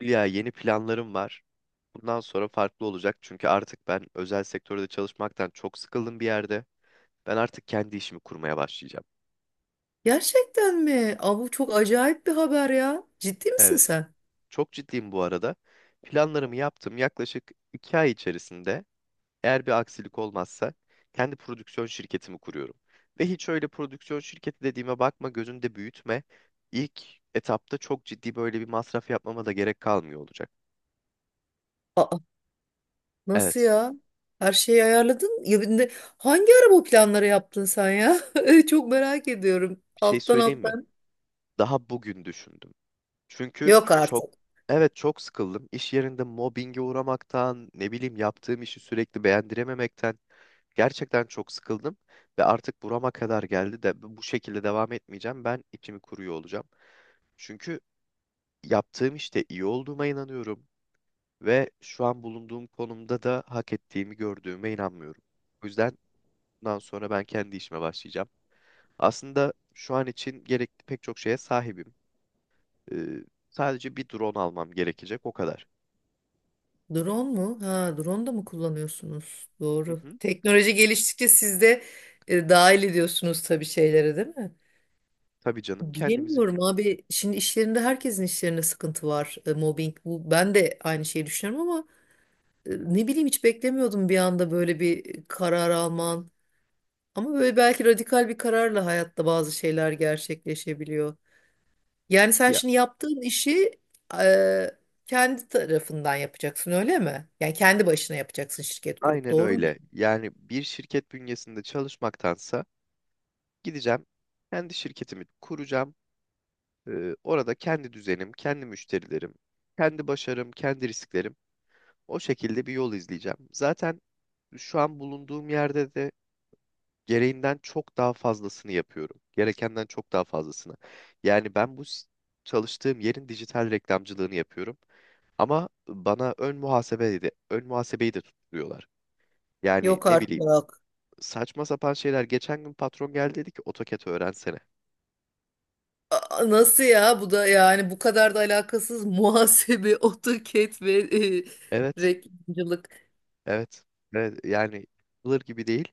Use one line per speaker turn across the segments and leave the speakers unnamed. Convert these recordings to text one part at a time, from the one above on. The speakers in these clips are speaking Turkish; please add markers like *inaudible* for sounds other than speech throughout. Ya, yeni planlarım var. Bundan sonra farklı olacak, çünkü artık ben özel sektörde çalışmaktan çok sıkıldım bir yerde. Ben artık kendi işimi kurmaya başlayacağım.
Gerçekten mi? Aa, bu çok acayip bir haber ya. Ciddi misin
Evet.
sen?
Çok ciddiyim bu arada. Planlarımı yaptım yaklaşık 2 ay içerisinde. Eğer bir aksilik olmazsa kendi prodüksiyon şirketimi kuruyorum. Ve hiç öyle prodüksiyon şirketi dediğime bakma, gözünde büyütme. İlk etapta çok ciddi böyle bir masraf yapmama da gerek kalmıyor olacak.
Aa, nasıl
Evet.
ya? Her şeyi ayarladın. Ya, bir de hangi ara bu planları yaptın sen ya? *laughs* Çok merak ediyorum.
Bir şey
Alttan
söyleyeyim mi?
alttan.
Daha bugün düşündüm. Çünkü
Yok
çok,
artık.
evet, çok sıkıldım. İş yerinde mobbinge uğramaktan, ne bileyim, yaptığım işi sürekli beğendirememekten gerçekten çok sıkıldım, ve artık burama kadar geldi, de bu şekilde devam etmeyeceğim. Ben içimi kuruyor olacağım. Çünkü yaptığım işte iyi olduğuma inanıyorum ve şu an bulunduğum konumda da hak ettiğimi gördüğüme inanmıyorum. O yüzden bundan sonra ben kendi işime başlayacağım. Aslında şu an için gerekli pek çok şeye sahibim. Ee, Sadece bir drone almam gerekecek, o kadar.
Drone mu? Ha, drone da mı kullanıyorsunuz?
Hı
Doğru.
hı.
Teknoloji geliştikçe siz de dahil ediyorsunuz tabii şeylere, değil mi?
Tabii canım, kendimizi,
Bilemiyorum abi. Şimdi işlerinde herkesin işlerinde sıkıntı var. E, mobbing bu. Ben de aynı şeyi düşünüyorum ama ne bileyim, hiç beklemiyordum bir anda böyle bir karar alman. Ama böyle belki radikal bir kararla hayatta bazı şeyler gerçekleşebiliyor. Yani sen
ya
şimdi yaptığın işi e, kendi tarafından yapacaksın, öyle mi? Yani kendi başına yapacaksın şirket kurup,
aynen
doğru mu?
öyle. Yani bir şirket bünyesinde çalışmaktansa gideceğim, kendi şirketimi kuracağım. Orada kendi düzenim, kendi müşterilerim, kendi başarım, kendi risklerim. O şekilde bir yol izleyeceğim. Zaten şu an bulunduğum yerde de gereğinden çok daha fazlasını yapıyorum. Gerekenden çok daha fazlasını. Yani ben çalıştığım yerin dijital reklamcılığını yapıyorum. Ama bana ön muhasebeyi de tutturuyorlar. Yani
Yok
ne bileyim,
artık.
saçma sapan şeyler. Geçen gün patron geldi, dedi ki AutoCAD öğrensene.
Aa, nasıl ya? Bu da yani bu kadar da alakasız muhasebe, *laughs* AutoCAD ve e,
Evet,
reklamcılık.
evet, evet, yani yapılır gibi değil.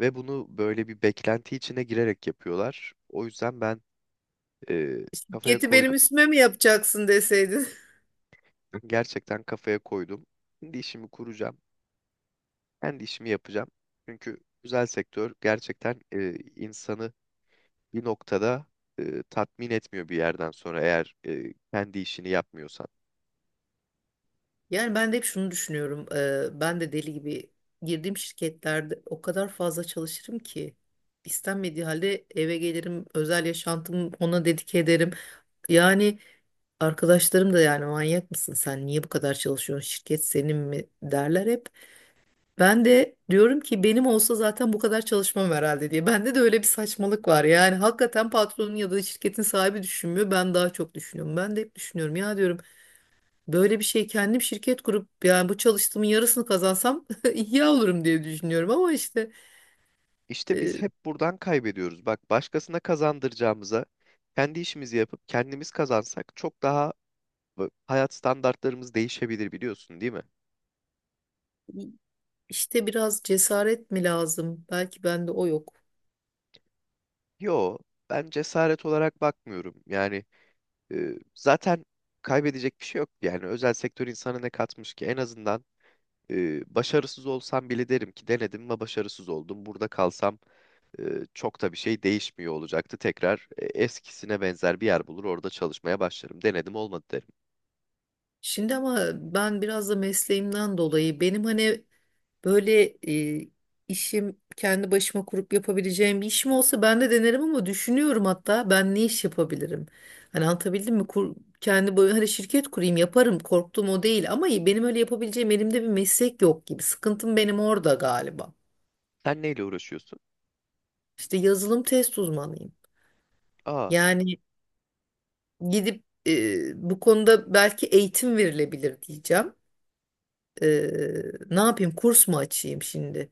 Ve bunu böyle bir beklenti içine girerek yapıyorlar. O yüzden ben e, kafaya
Şirketi benim
koydum.
üstüme mi yapacaksın deseydin? *laughs*
Gerçekten kafaya koydum. Kendi işimi kuracağım. Kendi işimi yapacağım. Çünkü özel sektör gerçekten insanı bir noktada tatmin etmiyor bir yerden sonra, eğer kendi işini yapmıyorsan.
Yani ben de hep şunu düşünüyorum. Ben de deli gibi girdiğim şirketlerde o kadar fazla çalışırım ki istenmediği halde eve gelirim, özel yaşantımı ona dedike ederim. Yani arkadaşlarım da, yani manyak mısın sen? Niye bu kadar çalışıyorsun? Şirket senin mi, derler hep. Ben de diyorum ki benim olsa zaten bu kadar çalışmam herhalde diye. Bende de öyle bir saçmalık var. Yani hakikaten patronun ya da şirketin sahibi düşünmüyor. Ben daha çok düşünüyorum. Ben de hep düşünüyorum ya, diyorum. Böyle bir şey kendim şirket kurup yani bu çalıştığımın yarısını kazansam *laughs* iyi olurum diye düşünüyorum ama işte
İşte
e,
biz hep buradan kaybediyoruz. Bak, başkasına kazandıracağımıza kendi işimizi yapıp kendimiz kazansak çok daha hayat standartlarımız değişebilir, biliyorsun değil mi?
işte biraz cesaret mi lazım? Belki bende o yok.
Yo, ben cesaret olarak bakmıyorum. Yani zaten kaybedecek bir şey yok. Yani özel sektör insana ne katmış ki? En azından başarısız olsam bile derim ki denedim ve başarısız oldum. Burada kalsam e, çok da bir şey değişmiyor olacaktı. Tekrar eskisine benzer bir yer bulur, orada çalışmaya başlarım. Denedim, olmadı derim.
Şimdi ama ben biraz da mesleğimden dolayı benim hani böyle e, işim kendi başıma kurup yapabileceğim bir işim olsa ben de denerim ama düşünüyorum, hatta ben ne iş yapabilirim? Hani anlatabildim mi? Kendi böyle hani şirket kurayım yaparım, korktuğum o değil ama benim öyle yapabileceğim elimde bir meslek yok gibi. Sıkıntım benim orada galiba.
Sen neyle uğraşıyorsun?
İşte yazılım test uzmanıyım.
Aa,
Yani gidip bu konuda belki eğitim verilebilir diyeceğim. E, Ne yapayım, kurs mu açayım şimdi?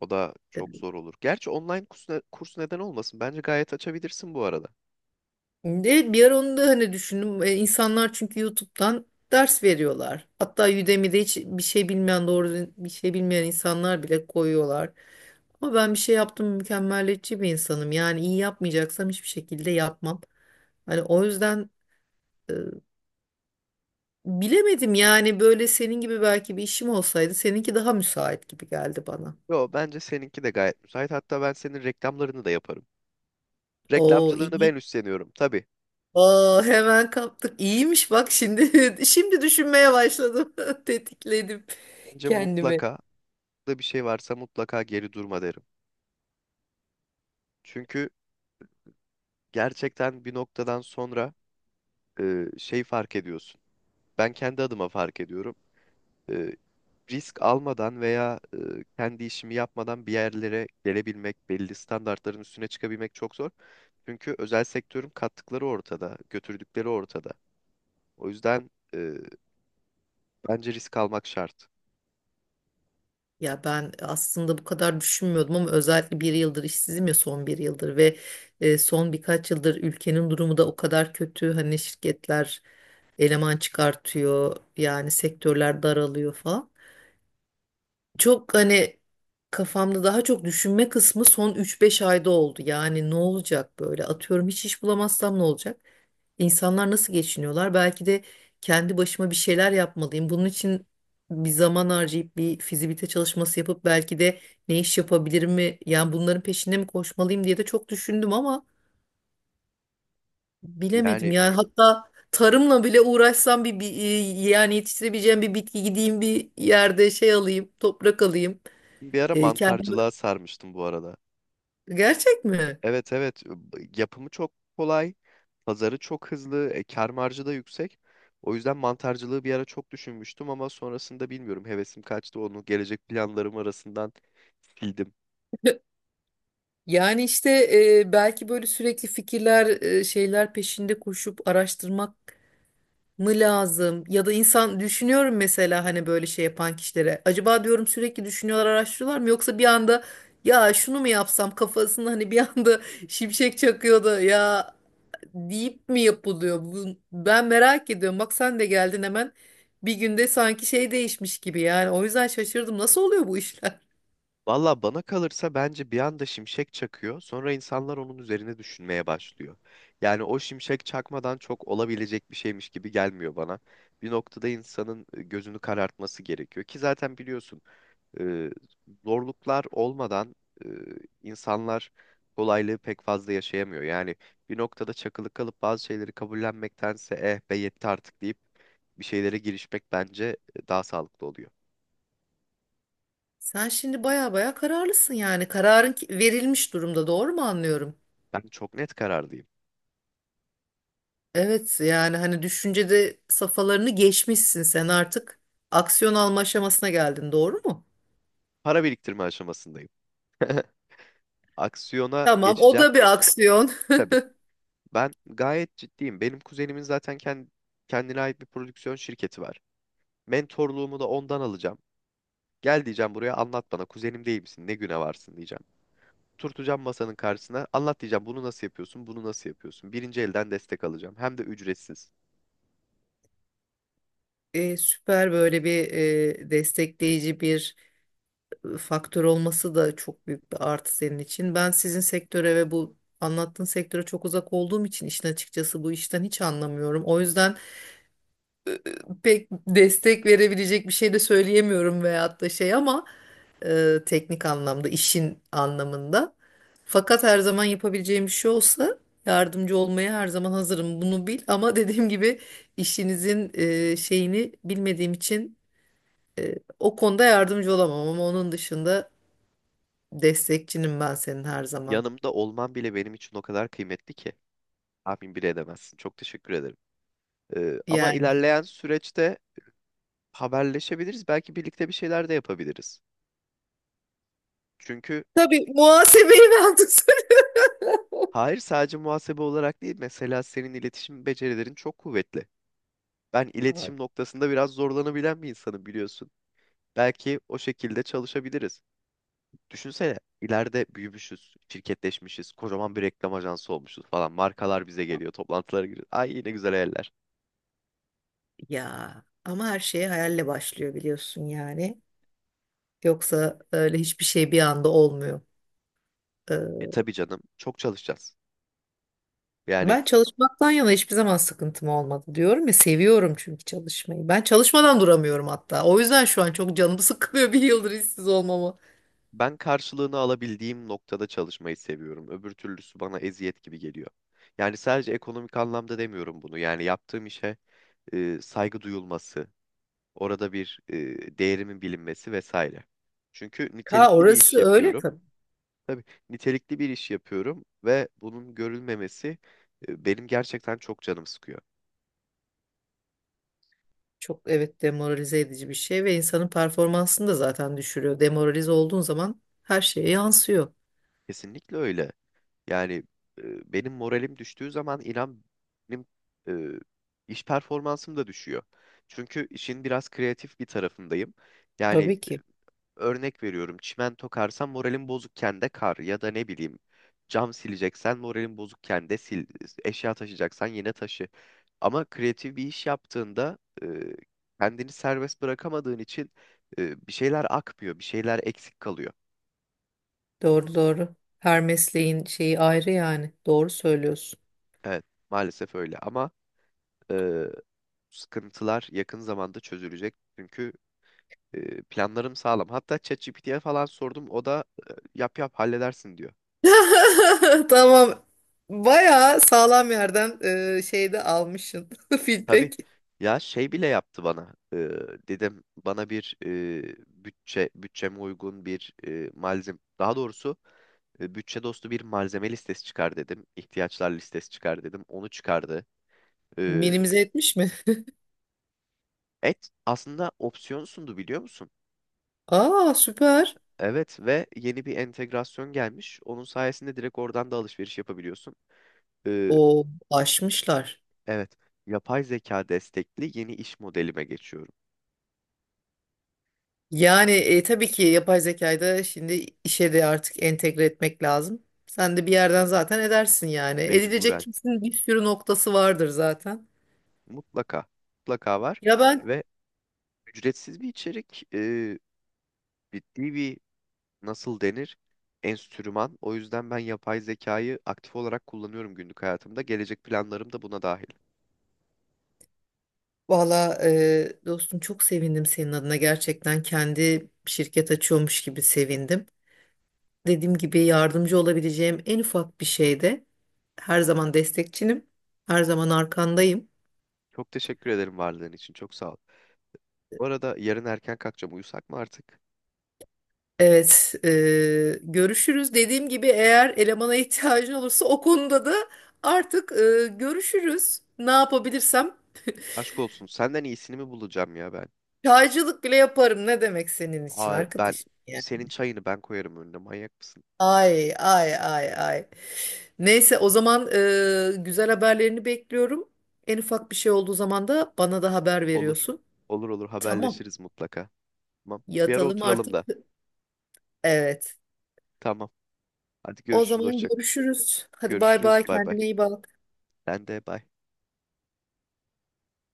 o da çok
E,
zor olur. Gerçi online kurs neden olmasın? Bence gayet açabilirsin bu arada.
Evet, bir ara onu da hani düşündüm. E, insanlar çünkü YouTube'dan ders veriyorlar. Hatta Udemy'de hiç bir şey bilmeyen, doğru düzgün bir şey bilmeyen insanlar bile koyuyorlar. Ama ben bir şey yaptım, mükemmeliyetçi bir insanım. Yani iyi yapmayacaksam hiçbir şekilde yapmam. Hani o yüzden e, bilemedim yani. Böyle senin gibi belki bir işim olsaydı, seninki daha müsait gibi geldi bana.
Yo, bence seninki de gayet müsait. Hatta ben senin reklamlarını da yaparım.
Oo
Reklamcılığını
iyi.
ben üstleniyorum. Tabii.
Aa, hemen kaptık. İyiymiş bak, şimdi *laughs* şimdi düşünmeye başladım. *laughs* Tetikledim
Bence
kendimi.
mutlaka da bir şey varsa, mutlaka geri durma derim. Çünkü gerçekten bir noktadan sonra şey fark ediyorsun. Ben kendi adıma fark ediyorum. e, Risk almadan veya kendi işimi yapmadan bir yerlere gelebilmek, belli standartların üstüne çıkabilmek çok zor. Çünkü özel sektörün kattıkları ortada, götürdükleri ortada. O yüzden e, bence risk almak şart.
Ya ben aslında bu kadar düşünmüyordum ama özellikle bir yıldır işsizim ya, son bir yıldır ve son birkaç yıldır ülkenin durumu da o kadar kötü. Hani şirketler eleman çıkartıyor, yani sektörler daralıyor falan. Çok hani kafamda daha çok düşünme kısmı son üç beş ayda oldu. Yani ne olacak böyle, atıyorum hiç iş bulamazsam ne olacak? İnsanlar nasıl geçiniyorlar? Belki de kendi başıma bir şeyler yapmalıyım. Bunun için bir zaman harcayıp bir fizibilite çalışması yapıp belki de ne iş yapabilirim mi? Yani bunların peşinde mi koşmalıyım diye de çok düşündüm ama bilemedim.
Yani
Yani hatta tarımla bile uğraşsam yani yetiştirebileceğim bir bitki, gideyim bir yerde şey alayım, toprak alayım.
bir ara
E, kendim...
mantarcılığa sarmıştım bu arada.
Gerçek mi?
Evet, evet, yapımı çok kolay, pazarı çok hızlı, kar marjı da yüksek. O yüzden mantarcılığı bir ara çok düşünmüştüm, ama sonrasında bilmiyorum, hevesim kaçtı, onu gelecek planlarım arasından sildim.
*laughs* Yani işte belki böyle sürekli fikirler, şeyler peşinde koşup araştırmak mı lazım? Ya da insan düşünüyorum mesela hani böyle şey yapan kişilere. Acaba diyorum, sürekli düşünüyorlar, araştırıyorlar mı? Yoksa bir anda ya şunu mu yapsam kafasında, hani bir anda *laughs* şimşek çakıyordu ya deyip mi yapılıyor? Bu, ben merak ediyorum. Bak sen de geldin hemen. Bir günde sanki şey değişmiş gibi yani. O yüzden şaşırdım. Nasıl oluyor bu işler?
Valla bana kalırsa, bence bir anda şimşek çakıyor. Sonra insanlar onun üzerine düşünmeye başlıyor. Yani o şimşek çakmadan çok olabilecek bir şeymiş gibi gelmiyor bana. Bir noktada insanın gözünü karartması gerekiyor ki, zaten biliyorsun, e, zorluklar olmadan e, insanlar kolaylığı pek fazla yaşayamıyor. Yani bir noktada çakılı kalıp bazı şeyleri kabullenmektense, eh be yetti artık deyip bir şeylere girişmek bence daha sağlıklı oluyor.
Sen şimdi baya baya kararlısın yani. Verilmiş durumda. Doğru mu anlıyorum?
Ben çok net kararlıyım.
Evet, yani hani düşüncede safhalarını geçmişsin sen, artık aksiyon alma aşamasına geldin, doğru mu?
Para biriktirme aşamasındayım. *laughs* Aksiyona
Tamam, o
geçeceğim.
da bir aksiyon. *laughs*
Tabii. Ben gayet ciddiyim. Benim kuzenimin zaten kendine ait bir prodüksiyon şirketi var. Mentorluğumu da ondan alacağım. Gel diyeceğim buraya, anlat bana. Kuzenim değil misin? Ne güne varsın diyeceğim. Turtacağım masanın karşısına. Anlat diyeceğim. Bunu nasıl yapıyorsun? Bunu nasıl yapıyorsun? Birinci elden destek alacağım. Hem de ücretsiz.
E, süper böyle bir destekleyici bir faktör olması da çok büyük bir artı senin için. Ben sizin sektöre ve bu anlattığın sektöre çok uzak olduğum için işin açıkçası, bu işten hiç anlamıyorum. O yüzden pek destek verebilecek bir şey de söyleyemiyorum veyahut da şey, ama teknik anlamda, işin anlamında. Fakat her zaman yapabileceğim bir şey olsa yardımcı olmaya her zaman hazırım. Bunu bil, ama *laughs* dediğim gibi işinizin şeyini bilmediğim için o konuda yardımcı olamam ama onun dışında destekçinim ben senin her zaman.
Yanımda olman bile benim için o kadar kıymetli ki. Tahmin bile edemezsin. Çok teşekkür ederim. Ama
Yani
ilerleyen süreçte haberleşebiliriz. Belki birlikte bir şeyler de yapabiliriz. Çünkü...
tabii muhasebeyi ben tutarım.
Hayır, sadece muhasebe olarak değil, mesela senin iletişim becerilerin çok kuvvetli. Ben iletişim noktasında biraz zorlanabilen bir insanım, biliyorsun. Belki o şekilde çalışabiliriz. Düşünsene, ileride büyümüşüz, şirketleşmişiz, kocaman bir reklam ajansı olmuşuz falan. Markalar bize geliyor, toplantılara giriyoruz. Ay, yine güzel hayaller.
Ya ama her şey hayalle başlıyor biliyorsun yani. Yoksa öyle hiçbir şey bir anda olmuyor.
E tabii canım, çok çalışacağız. Yani
Ben çalışmaktan yana hiçbir zaman sıkıntım olmadı, diyorum ya, seviyorum çünkü çalışmayı. Ben çalışmadan duramıyorum hatta. O yüzden şu an çok canımı sıkılıyor *laughs* bir yıldır işsiz olmama.
ben karşılığını alabildiğim noktada çalışmayı seviyorum. Öbür türlüsü bana eziyet gibi geliyor. Yani sadece ekonomik anlamda demiyorum bunu. Yani yaptığım işe saygı duyulması, orada bir değerimin bilinmesi vesaire. Çünkü
Ha,
nitelikli bir iş
orası öyle
yapıyorum.
tabii.
Tabii, nitelikli bir iş yapıyorum ve bunun görülmemesi benim gerçekten çok canım sıkıyor.
Çok, evet, demoralize edici bir şey ve insanın performansını da zaten düşürüyor. Demoralize olduğun zaman her şeye yansıyor.
Kesinlikle öyle. Yani benim moralim düştüğü zaman, inan, benim e, iş performansım da düşüyor. Çünkü işin biraz kreatif bir tarafındayım. Yani,
Tabii ki.
örnek veriyorum, çimento karsan moralim bozukken de kar, ya da ne bileyim cam sileceksen moralim bozukken de sil, eşya taşıyacaksan yine taşı. Ama kreatif bir iş yaptığında kendini serbest bırakamadığın için bir şeyler akmıyor, bir şeyler eksik kalıyor.
Doğru doğru. Her mesleğin şeyi ayrı yani. Doğru söylüyorsun.
Evet, maalesef öyle ama e, sıkıntılar yakın zamanda çözülecek. Çünkü planlarım sağlam. Hatta ChatGPT'ye falan sordum. O da yap yap halledersin diyor.
*laughs* Tamam. Bayağı sağlam yerden şeyde almışsın *laughs*
Tabii
feedback.
ya, şey bile yaptı bana. Dedim, bana bir bütçeme uygun bir malzeme, daha doğrusu bütçe dostu bir malzeme listesi çıkar dedim. İhtiyaçlar listesi çıkar dedim. Onu çıkardı. Ee,
Minimize etmiş mi?
et Aslında opsiyon sundu, biliyor musun?
*laughs* Aa süper.
Evet, ve yeni bir entegrasyon gelmiş. Onun sayesinde direkt oradan da alışveriş yapabiliyorsun. Ee,
O aşmışlar.
evet, yapay zeka destekli yeni iş modelime geçiyorum.
Yani tabii ki yapay zekayı da şimdi işe de artık entegre etmek lazım. Sen de bir yerden zaten edersin yani. Edilecek
Mecburen.
kesin bir sürü noktası vardır zaten.
Mutlaka. Mutlaka var.
Ya,
Ve ücretsiz bir içerik, ciddi bir, nasıl denir, enstrüman. O yüzden ben yapay zekayı aktif olarak kullanıyorum günlük hayatımda. Gelecek planlarım da buna dahil.
valla dostum çok sevindim senin adına. Gerçekten kendi şirket açıyormuş gibi sevindim. Dediğim gibi yardımcı olabileceğim en ufak bir şeyde her zaman destekçinim. Her zaman arkandayım.
Çok teşekkür ederim varlığın için. Çok sağ ol. Bu arada yarın erken kalkacağım. Uyusak mı artık?
Evet, görüşürüz. Dediğim gibi eğer elemana ihtiyacın olursa o konuda da artık görüşürüz. Ne yapabilirsem
Aşk olsun. Senden iyisini mi bulacağım ya ben?
çaycılık bile yaparım. Ne demek senin için
Aa, ben
arkadaş? Yani.
senin çayını ben koyarım önüne. Manyak mısın?
Ay ay ay ay. Neyse, o zaman güzel haberlerini bekliyorum. En ufak bir şey olduğu zaman da bana da haber
Olur.
veriyorsun.
Olur olur,
Tamam.
haberleşiriz mutlaka. Tamam. Bir ara
Yatalım
oturalım
artık.
da.
Evet.
Tamam. Hadi
O
görüşürüz.
zaman
Hoşça.
görüşürüz. Hadi bay
Görüşürüz.
bay.
Bay bay.
Kendine iyi bak.
Ben de bay.